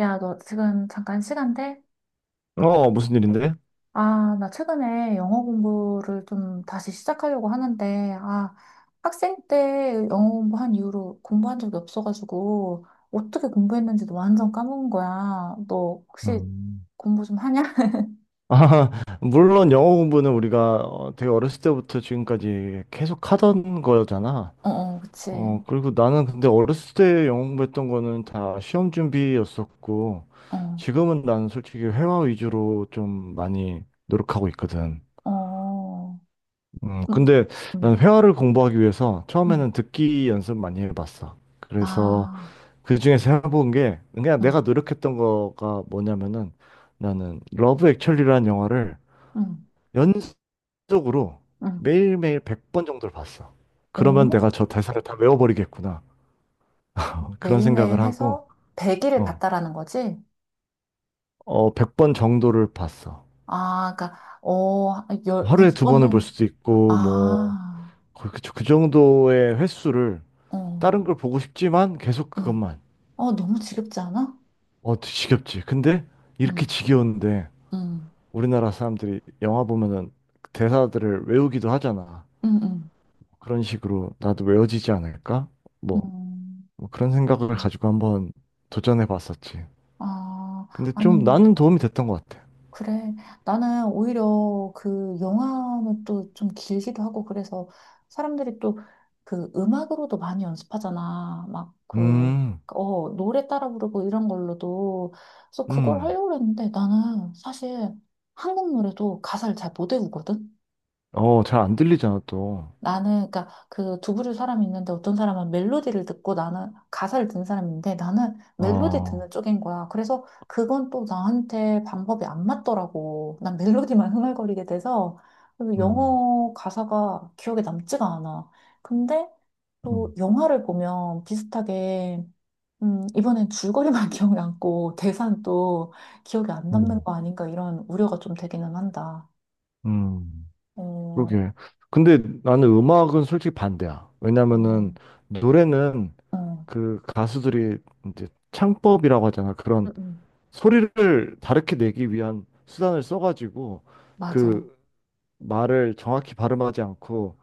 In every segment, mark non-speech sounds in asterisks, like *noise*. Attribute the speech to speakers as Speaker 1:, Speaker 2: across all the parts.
Speaker 1: 야, 너 지금 잠깐 시간 돼?
Speaker 2: 어, 어, 무슨 일인데?
Speaker 1: 아, 나 최근에 영어 공부를 좀 다시 시작하려고 하는데, 아, 학생 때 영어 공부한 이후로 공부한 적이 없어가지고, 어떻게 공부했는지도 완전 까먹은 거야. 너 혹시
Speaker 2: 음,
Speaker 1: 공부 좀 하냐? *laughs*
Speaker 2: 아, *laughs* 물론 영어 공부는 우리가 되게 어렸을 때부터 지금까지 계속 하던 거잖아.
Speaker 1: 어, 어, 그치.
Speaker 2: 그리고 나는 근데 어렸을 때 영어 공부했던 거는 다 시험 준비였었고,
Speaker 1: 어,
Speaker 2: 지금은 난 솔직히 회화 위주로 좀 많이 노력하고 있거든.
Speaker 1: 어, 응,
Speaker 2: 근데 난
Speaker 1: 응,
Speaker 2: 회화를 공부하기 위해서
Speaker 1: 응.
Speaker 2: 처음에는 듣기 연습 많이 해봤어. 그래서
Speaker 1: 아,
Speaker 2: 그 중에서 해본 게 그냥
Speaker 1: 응,
Speaker 2: 내가 노력했던 거가 뭐냐면은 나는 러브 액츄얼리라는 영화를
Speaker 1: 응,
Speaker 2: 연속으로
Speaker 1: 응.
Speaker 2: 매일매일 100번 정도를 봤어. 그러면
Speaker 1: 오?
Speaker 2: 내가 저 대사를 다 외워버리겠구나. 그런
Speaker 1: 매일매일
Speaker 2: 생각을 하고
Speaker 1: 해서 100일을
Speaker 2: 어,
Speaker 1: 봤다라는 거지?
Speaker 2: 100번 정도를 봤어.
Speaker 1: 아, 그러니까 어, 열,
Speaker 2: 하루에 두 번을 볼
Speaker 1: 100번은
Speaker 2: 수도 있고 뭐
Speaker 1: 아,
Speaker 2: 그 정도의 횟수를
Speaker 1: 어,
Speaker 2: 다른 걸 보고 싶지만 계속
Speaker 1: 응.
Speaker 2: 그것만.
Speaker 1: 어, 너무 지겹지 않아?
Speaker 2: 어, 지겹지. 근데 이렇게
Speaker 1: 응,
Speaker 2: 지겨운데
Speaker 1: 응,
Speaker 2: 우리나라 사람들이 영화 보면은 대사들을 외우기도 하잖아.
Speaker 1: 응, 응.
Speaker 2: 그런 식으로 나도 외워지지 않을까? 뭐,
Speaker 1: 음.
Speaker 2: 뭐 그런 생각을 가지고 한번 도전해 봤었지.
Speaker 1: 아,
Speaker 2: 근데 좀
Speaker 1: 아니,
Speaker 2: 나는 도움이 됐던 것 같아.
Speaker 1: 그래. 나는 오히려 그 영화는 또 좀 길기도 하고 그래서 사람들이 또 그 음악으로도 많이 연습하잖아. 막 그,
Speaker 2: 음,
Speaker 1: 어, 노래 따라 부르고 이런 걸로도. 그래서 그걸
Speaker 2: 음.
Speaker 1: 하려고 했는데 나는 사실 한국 노래도 가사를 잘 못 외우거든?
Speaker 2: 어, 잘 안 들리잖아, 또.
Speaker 1: 나는 그러니까 그 두 부류 사람이 있는데 어떤 사람은 멜로디를 듣고 나는 가사를 듣는 사람인데 나는 멜로디
Speaker 2: 어,
Speaker 1: 듣는 쪽인 거야. 그래서 그건 또 나한테 방법이 안 맞더라고. 난 멜로디만 *laughs* 흥얼거리게 돼서 그리고
Speaker 2: 음,
Speaker 1: 영어 가사가 기억에 남지가 않아. 근데 또
Speaker 2: 음,
Speaker 1: 영화를 보면 비슷하게 이번엔 줄거리만 *laughs* 기억이 남고 대사는 또 기억이 안 남는
Speaker 2: 음,
Speaker 1: 거 아닌가 이런 우려가 좀 되기는 한다.
Speaker 2: 음.
Speaker 1: 어,
Speaker 2: 그러게. 근데 나는 음악은 솔직히 반대야.
Speaker 1: 어,
Speaker 2: 왜냐면은 노래는
Speaker 1: 어,
Speaker 2: 그 가수들이 이제 창법이라고 하잖아.
Speaker 1: 음,
Speaker 2: 그런
Speaker 1: 음.
Speaker 2: 소리를 다르게 내기 위한 수단을 써가지고
Speaker 1: 맞아.
Speaker 2: 그 말을 정확히 발음하지 않고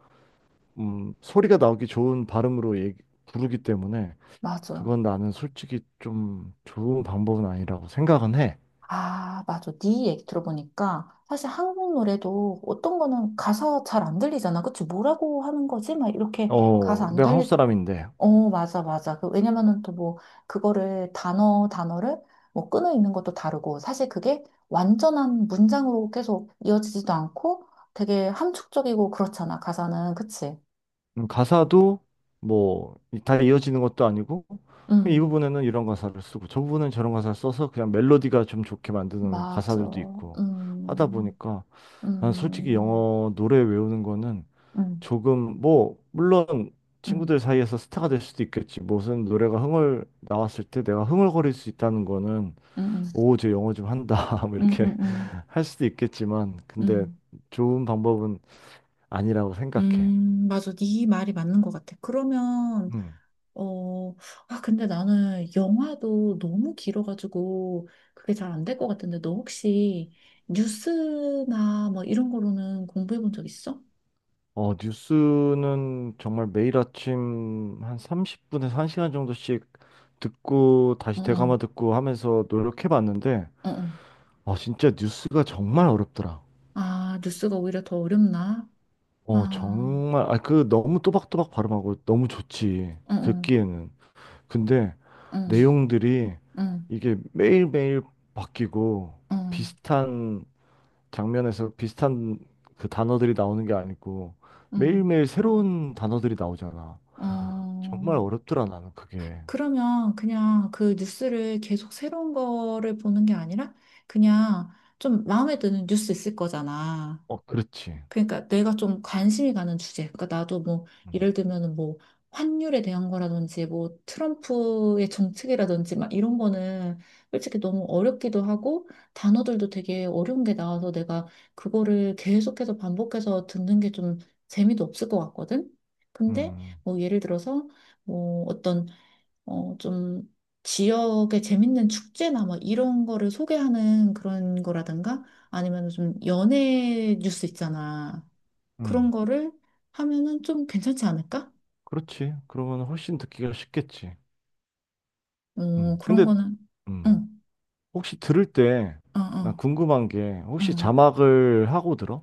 Speaker 2: 소리가 나오기 좋은 발음으로 부르기 때문에
Speaker 1: 맞아.
Speaker 2: 그건 나는 솔직히 좀 좋은 방법은 아니라고 생각은 해.
Speaker 1: 아, 맞아. 네 얘기 들어보니까 사실 한국 노래도 어떤 거는 가사 잘 안 들리잖아. 그치? 뭐라고 하는 거지? 막 이렇게 가사
Speaker 2: 어,
Speaker 1: 안
Speaker 2: 내가 한국
Speaker 1: 들릴 때.
Speaker 2: 사람인데.
Speaker 1: 어, 맞아, 맞아. 그, 왜냐면은 또 뭐, 그거를 단어를 뭐 끊어 있는 것도 다르고, 사실 그게 완전한 문장으로 계속 이어지지도 않고 되게 함축적이고 그렇잖아. 가사는. 그치?
Speaker 2: 가사도 뭐 다 이어지는 것도 아니고 그냥 이
Speaker 1: 음,
Speaker 2: 부분에는 이런 가사를 쓰고 저 부분은 저런 가사를 써서 그냥 멜로디가 좀 좋게 만드는
Speaker 1: 맞아.
Speaker 2: 가사들도 있고 하다
Speaker 1: 음,
Speaker 2: 보니까 난 솔직히
Speaker 1: 음,
Speaker 2: 영어 노래 외우는 거는
Speaker 1: 음,
Speaker 2: 조금. 뭐, 물론
Speaker 1: 음,
Speaker 2: 친구들 사이에서 스타가 될 수도 있겠지. 무슨 노래가 흥얼 나왔을 때 내가 흥얼거릴 수 있다는 거는,
Speaker 1: 음,
Speaker 2: 오, 쟤 영어 좀 한다. *laughs* 뭐
Speaker 1: 음, 음,
Speaker 2: 이렇게
Speaker 1: 음, 음.
Speaker 2: *laughs* 할 수도 있겠지만 근데
Speaker 1: 음.
Speaker 2: 좋은 방법은 아니라고 생각해.
Speaker 1: 맞아. 네 말이 맞는 것 같아. 그러면,
Speaker 2: 음.
Speaker 1: 어, 아, 근데 나는 영화도 너무 길어가지고 그게 잘 안 될 것 같은데, 너 혹시 뉴스나 뭐 이런 거로는 공부해 본 적 있어?
Speaker 2: 어, 뉴스는 정말 매일 아침 한 30분에서 1시간 정도씩 듣고
Speaker 1: 어,
Speaker 2: 다시
Speaker 1: 어,
Speaker 2: 되감아 듣고 하면서 노력해 봤는데
Speaker 1: 어, 어.
Speaker 2: 아, 진짜 뉴스가 정말 어렵더라.
Speaker 1: 아, 뉴스가 오히려 더 어렵나?
Speaker 2: 어,
Speaker 1: 아,
Speaker 2: 정말, 아, 그 너무 또박또박 발음하고 너무 좋지,
Speaker 1: 어, 어,
Speaker 2: 듣기에는. 근데
Speaker 1: 어,
Speaker 2: 내용들이
Speaker 1: 어,
Speaker 2: 이게 매일매일 바뀌고
Speaker 1: 어,
Speaker 2: 비슷한 장면에서 비슷한 그 단어들이 나오는 게 아니고
Speaker 1: 어,
Speaker 2: 매일매일 새로운 단어들이 나오잖아.
Speaker 1: 어.
Speaker 2: 정말 어렵더라, 나는 그게.
Speaker 1: 그러면 그냥 그 뉴스를 계속 새로운 거를 보는 게 아니라 그냥 좀 마음에 드는 뉴스 있을 거잖아.
Speaker 2: 어, 그렇지.
Speaker 1: 그러니까 내가 좀 관심이 가는 주제. 그러니까 나도 뭐
Speaker 2: 음,
Speaker 1: 예를 들면은 뭐 환율에 대한 거라든지 뭐 트럼프의 정책이라든지 막 이런 거는 솔직히 너무 어렵기도 하고 단어들도 되게 어려운 게 나와서 내가 그거를 계속해서 반복해서 듣는 게 좀 재미도 없을 것 같거든. 근데
Speaker 2: 음,
Speaker 1: 뭐 예를 들어서 뭐 어떤 어, 좀 지역의 재밌는 축제나 뭐 이런 거를 소개하는 그런 거라든가 아니면 좀 연예 뉴스 있잖아.
Speaker 2: 음.
Speaker 1: 그런 거를 하면은 좀 괜찮지 않을까?
Speaker 2: 그렇지. 그러면 훨씬 듣기가 쉽겠지.
Speaker 1: 어,
Speaker 2: 음,
Speaker 1: 그런
Speaker 2: 근데,
Speaker 1: 거는,
Speaker 2: 음.
Speaker 1: 응,
Speaker 2: 혹시 들을 때,
Speaker 1: 어,
Speaker 2: 나
Speaker 1: 어,
Speaker 2: 궁금한 게,
Speaker 1: 어.
Speaker 2: 혹시 자막을 하고 들어?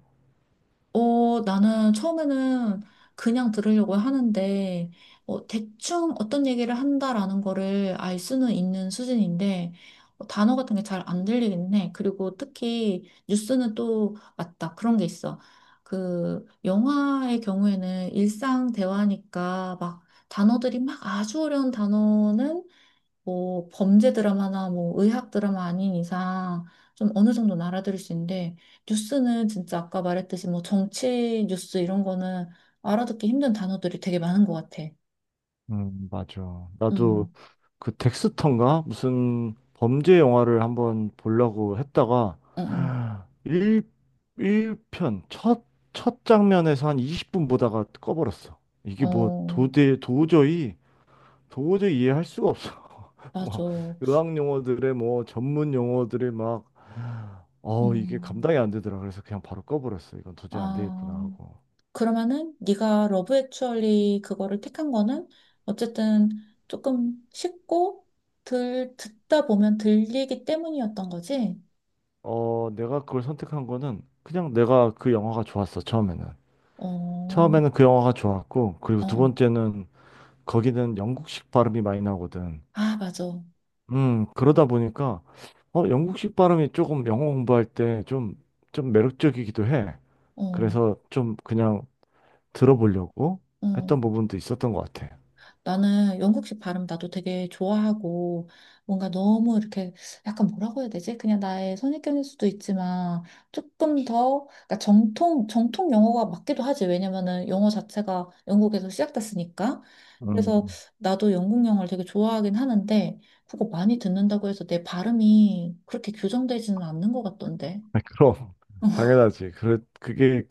Speaker 1: 어, 나는 처음에는 그냥 들으려고 하는데, 어, 대충 어떤 얘기를 한다라는 거를 알 수는 있는 수준인데, 어, 단어 같은 게 잘 안 들리긴 해. 그리고 특히 뉴스는 또 맞다. 그런 게 있어. 그, 영화의 경우에는 일상 대화니까 막 단어들이 막 아주 어려운 단어는 뭐 범죄 드라마나 뭐 의학 드라마 아닌 이상 좀 어느 정도 는 알아들을 수 있는데 뉴스는 진짜 아까 말했듯이 뭐 정치 뉴스 이런 거는 알아듣기 힘든 단어들이 되게 많은 것 같아.
Speaker 2: 맞아. 나도
Speaker 1: 음,
Speaker 2: 그 덱스터인가? 무슨 범죄 영화를 한번 보려고 했다가,
Speaker 1: 음, 음.
Speaker 2: 1, 일편 첫 장면에서 한 20분 보다가 꺼버렸어. 이게 뭐
Speaker 1: 어,
Speaker 2: 도저히 이해할 수가 없어. *laughs*
Speaker 1: 맞아.
Speaker 2: 막, 의학 용어들의 뭐, 전문 용어들의 막, 이게
Speaker 1: 음,
Speaker 2: 감당이 안 되더라. 그래서 그냥 바로 꺼버렸어. 이건 도저히 안 되겠구나
Speaker 1: 아,
Speaker 2: 하고.
Speaker 1: 그러면은 네가 러브 액츄얼리 그거를 택한 거는 어쨌든 조금 쉽고 들 듣다 보면 들리기 때문이었던 거지.
Speaker 2: 어, 내가 그걸 선택한 거는 그냥 내가 그 영화가 좋았어, 처음에는.
Speaker 1: 어,
Speaker 2: 처음에는
Speaker 1: 어.
Speaker 2: 그 영화가 좋았고, 그리고 두
Speaker 1: 어.
Speaker 2: 번째는 거기는 영국식 발음이 많이 나오거든.
Speaker 1: 아, 맞아.
Speaker 2: 그러다 보니까, 영국식 발음이 조금 영어 공부할 때 좀, 매력적이기도 해.
Speaker 1: 어,
Speaker 2: 그래서 좀 그냥 들어보려고
Speaker 1: 어.
Speaker 2: 했던 부분도 있었던 것 같아.
Speaker 1: 나는 영국식 발음 나도 되게 좋아하고 뭔가 너무 이렇게 약간 뭐라고 해야 되지? 그냥 나의 선입견일 수도 있지만 조금 더 그러니까 정통 정통 영어가 맞기도 하지. 왜냐면은 영어 자체가 영국에서 시작됐으니까. 그래서
Speaker 2: 음,
Speaker 1: 나도 영국 영어를 되게 좋아하긴 하는데 그거 많이 듣는다고 해서 내 발음이 그렇게 교정되지는 않는 것 같던데.
Speaker 2: *laughs* 그럼,
Speaker 1: *laughs*
Speaker 2: 당연하지. 그게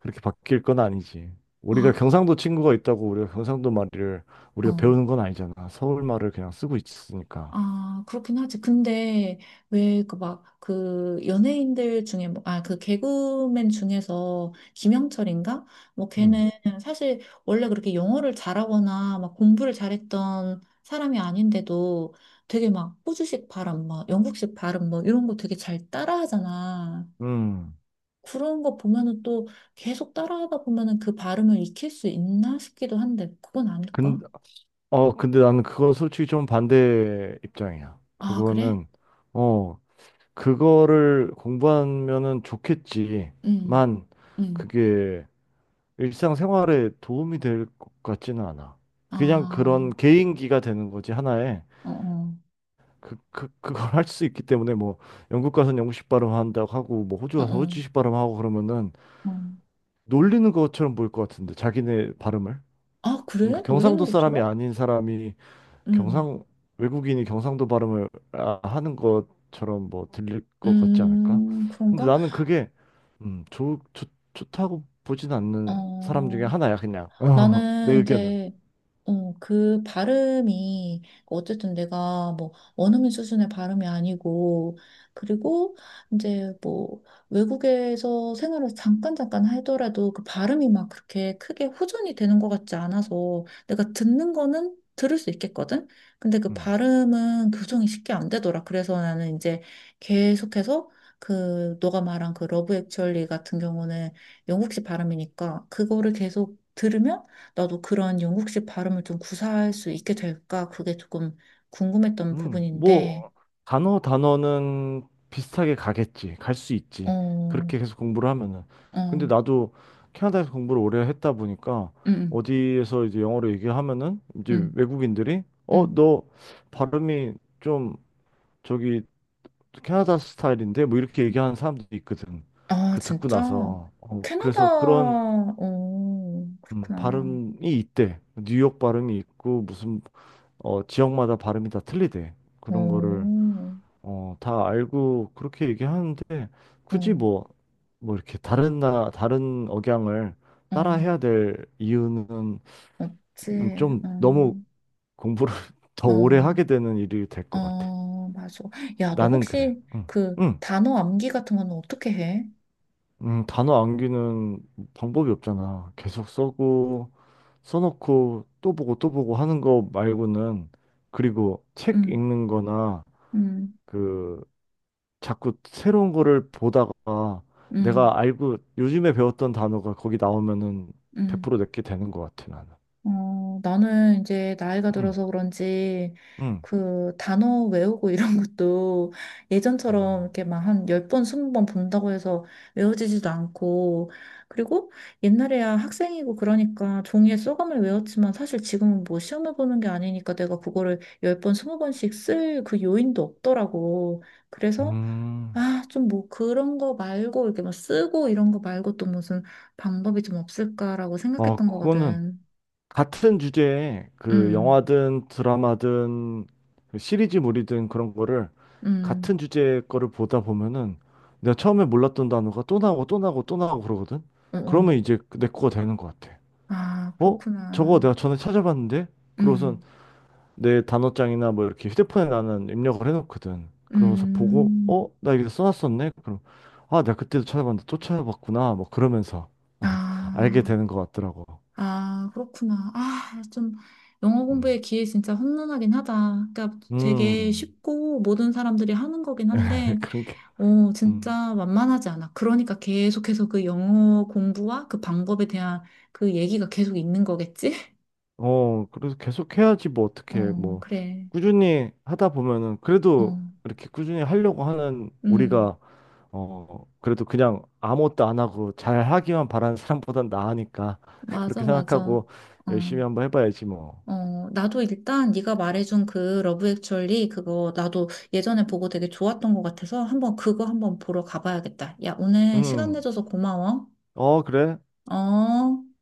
Speaker 2: 그렇게 바뀔 건 아니지. 우리가
Speaker 1: 아,
Speaker 2: 경상도 친구가 있다고 우리가 경상도 말을 우리가
Speaker 1: 어.
Speaker 2: 배우는 건 아니잖아. 서울 말을 그냥 쓰고 있으니까.
Speaker 1: 아, 그렇긴 하지. 근데 왜 그 막 그 연예인들 중에 뭐, 아, 그 개그맨 중에서 김영철인가? 뭐
Speaker 2: 음.
Speaker 1: 걔는 사실 원래 그렇게 영어를 잘하거나 막 공부를 잘했던 사람이 아닌데도 되게 막 호주식 발음, 막 영국식 발음 뭐 이런 거 되게 잘 따라하잖아.
Speaker 2: 음.
Speaker 1: 그런 거 보면은 또 계속 따라하다 보면은 그 발음을 익힐 수 있나 싶기도 한데 그건
Speaker 2: 근,
Speaker 1: 아닐까?
Speaker 2: 근데 나는 그거 솔직히 좀 반대 입장이야.
Speaker 1: 아, 그래?
Speaker 2: 그거는, 어, 그거를 공부하면은
Speaker 1: 응,
Speaker 2: 좋겠지만,
Speaker 1: 응.
Speaker 2: 그게 일상생활에 도움이 될 것 같지는 않아. 그냥
Speaker 1: 아,
Speaker 2: 그런 개인기가 되는 거지, 하나의.
Speaker 1: 어어.
Speaker 2: 그걸 할 수 있기 때문에 뭐 영국 가서는 영국식 발음 한다고 하고 뭐 호주
Speaker 1: 어,
Speaker 2: 가서
Speaker 1: 어,
Speaker 2: 호주식 발음 하고 그러면은
Speaker 1: 어.
Speaker 2: 놀리는 것처럼 보일 것 같은데, 자기네 발음을.
Speaker 1: 아,
Speaker 2: 그러니까
Speaker 1: 그래? 놀리는
Speaker 2: 경상도 사람이
Speaker 1: 것처럼?
Speaker 2: 아닌 사람이,
Speaker 1: 음,
Speaker 2: 경상 외국인이 경상도 발음을 하는 것처럼 뭐 들릴 것 같지 않을까? 근데
Speaker 1: 그런가?
Speaker 2: 나는 그게 음, 좋, 좋, 좋다고 보진 않는 사람 중에
Speaker 1: 어,
Speaker 2: 하나야 그냥. *laughs* 내
Speaker 1: 나는
Speaker 2: 의견은.
Speaker 1: 이제 어, 그 발음이, 어쨌든 내가 뭐, 원어민 수준의 발음이 아니고, 그리고 이제 뭐, 외국에서 생활을 잠깐 잠깐 하더라도 그 발음이 막 그렇게 크게 호전이 되는 것 같지 않아서 내가 듣는 거는 들을 수 있겠거든? 근데 그
Speaker 2: 음.
Speaker 1: 발음은 교정이 쉽게 안 되더라. 그래서 나는 이제 계속해서 그, 너가 말한 그 러브 액츄얼리 같은 경우는 영국식 발음이니까 그거를 계속 들으면 나도 그런 영국식 발음을 좀 구사할 수 있게 될까? 그게 조금 궁금했던 부분인데,
Speaker 2: 뭐, 단어는 비슷하게 가겠지. 갈 수 있지.
Speaker 1: 어,
Speaker 2: 그렇게 계속 공부를 하면은.
Speaker 1: 어,
Speaker 2: 근데 나도 캐나다에서 공부를 오래 했다 보니까,
Speaker 1: 음,
Speaker 2: 어디에서 이제 영어로 얘기하면은 이제
Speaker 1: 음,
Speaker 2: 외국인들이, 어,
Speaker 1: 음.
Speaker 2: 너 발음이 좀 저기 캐나다 스타일인데, 뭐 이렇게 얘기하는 사람들이 있거든.
Speaker 1: 아,
Speaker 2: 그 듣고
Speaker 1: 진짜?
Speaker 2: 나서.
Speaker 1: 어, 캐나다,
Speaker 2: 그래서 그런
Speaker 1: 어, 그렇구나.
Speaker 2: 발음이 있대. 뉴욕 발음이 있고 무슨 지역마다 발음이 다 틀리대. 그런 거를
Speaker 1: 어,
Speaker 2: 다 알고 그렇게 얘기하는데 굳이
Speaker 1: 어,
Speaker 2: 뭐, 뭐 이렇게 다른 억양을
Speaker 1: 어,
Speaker 2: 따라 해야 될 이유는.
Speaker 1: 없지, 어,
Speaker 2: 좀 너무 공부를 *laughs* 더 오래 하게
Speaker 1: 어,
Speaker 2: 되는 일이 될 것 같아.
Speaker 1: 어, 맞아. 야, 너
Speaker 2: 나는 그래.
Speaker 1: 혹시
Speaker 2: 응,
Speaker 1: 그
Speaker 2: 응,
Speaker 1: 단어 암기 같은 거는 어떻게 해?
Speaker 2: 응. 단어 암기는 방법이 없잖아. 계속 써고 써놓고 또 보고 또 보고 하는 거 말고는. 그리고 책
Speaker 1: 음,
Speaker 2: 읽는 거나
Speaker 1: 음,
Speaker 2: 그 자꾸 새로운 거를 보다가
Speaker 1: 음,
Speaker 2: 내가 알고 요즘에 배웠던 단어가 거기 나오면은
Speaker 1: 음.
Speaker 2: 100% 내게 되는 것 같아, 나는.
Speaker 1: 어, 나는 이제 나이가
Speaker 2: 음,
Speaker 1: 들어서 그런지
Speaker 2: 음.
Speaker 1: 그 단어 외우고 이런 *laughs* 것도 예전처럼
Speaker 2: 음.
Speaker 1: 이렇게 막 한 10번, 20번 본다고 해서 외워지지도 않고 그리고 옛날에야 학생이고 그러니까 종이에 소감을 외웠지만 사실 지금은 뭐 시험을 보는 게 아니니까 내가 그거를 10번, 20번씩 쓸 그 요인도 없더라고. 그래서
Speaker 2: 음.
Speaker 1: 아, 좀 뭐 그런 거 말고 이렇게 막 쓰고 이런 거 말고 또 무슨 방법이 좀 없을까라고
Speaker 2: 아,
Speaker 1: 생각했던
Speaker 2: 그거는
Speaker 1: 거거든.
Speaker 2: 같은 주제에 그
Speaker 1: 음.
Speaker 2: 영화든 드라마든 그 시리즈물이든 그런 거를,
Speaker 1: 음,
Speaker 2: 같은 주제의 거를 보다 보면은 내가 처음에 몰랐던 단어가 또 나오고 또 나오고 또 나오고 그러거든?
Speaker 1: 어, 어.
Speaker 2: 그러면 이제 내 거가 되는 것 같아.
Speaker 1: 아,
Speaker 2: 어? 저거
Speaker 1: 그렇구나.
Speaker 2: 내가 전에 찾아봤는데? 그러고선
Speaker 1: 음,
Speaker 2: 내 단어장이나 뭐 이렇게 휴대폰에 나는 입력을 해놓거든. 그러면서 보고, 어?
Speaker 1: 음,
Speaker 2: 나 이거 써놨었네? 그럼, 아, 내가 그때도 찾아봤는데 또 찾아봤구나. 뭐 그러면서 어, *laughs* 알게
Speaker 1: 아,
Speaker 2: 되는 것 같더라고.
Speaker 1: 아, 그렇구나. 아, 좀, 영어
Speaker 2: 음,
Speaker 1: 공부의 기회 진짜 혼돈하긴 하다. 그러니까 되게
Speaker 2: 음.
Speaker 1: 쉽고 모든 사람들이 하는 거긴
Speaker 2: *laughs*
Speaker 1: 한데,
Speaker 2: 그런 게,
Speaker 1: 어,
Speaker 2: 음.
Speaker 1: 진짜 만만하지 않아. 그러니까 계속해서 그 영어 공부와 그 방법에 대한 그 얘기가 계속 있는 거겠지? *laughs*
Speaker 2: 어, 그래서 계속 해야지, 뭐 어떻게.
Speaker 1: 어,
Speaker 2: 뭐,
Speaker 1: 그래.
Speaker 2: 꾸준히 하다 보면은
Speaker 1: 어,
Speaker 2: 그래도 이렇게 꾸준히 하려고 하는
Speaker 1: 음,
Speaker 2: 우리가 그래도 그냥 아무것도 안 하고 잘 하기만 바라는 사람보단 나으니까. *laughs* 그렇게
Speaker 1: 맞아, 맞아.
Speaker 2: 생각하고
Speaker 1: 어.
Speaker 2: 열심히 한번 해봐야지 뭐.
Speaker 1: 어, 나도 일단 네가 말해준 그 러브 액츄얼리 그거 나도 예전에 보고 되게 좋았던 것 같아서 한번 그거 한번 보러 가봐야겠다. 야, 오늘 시간
Speaker 2: 음.
Speaker 1: 내줘서 고마워.
Speaker 2: 어, 그래.
Speaker 1: 어.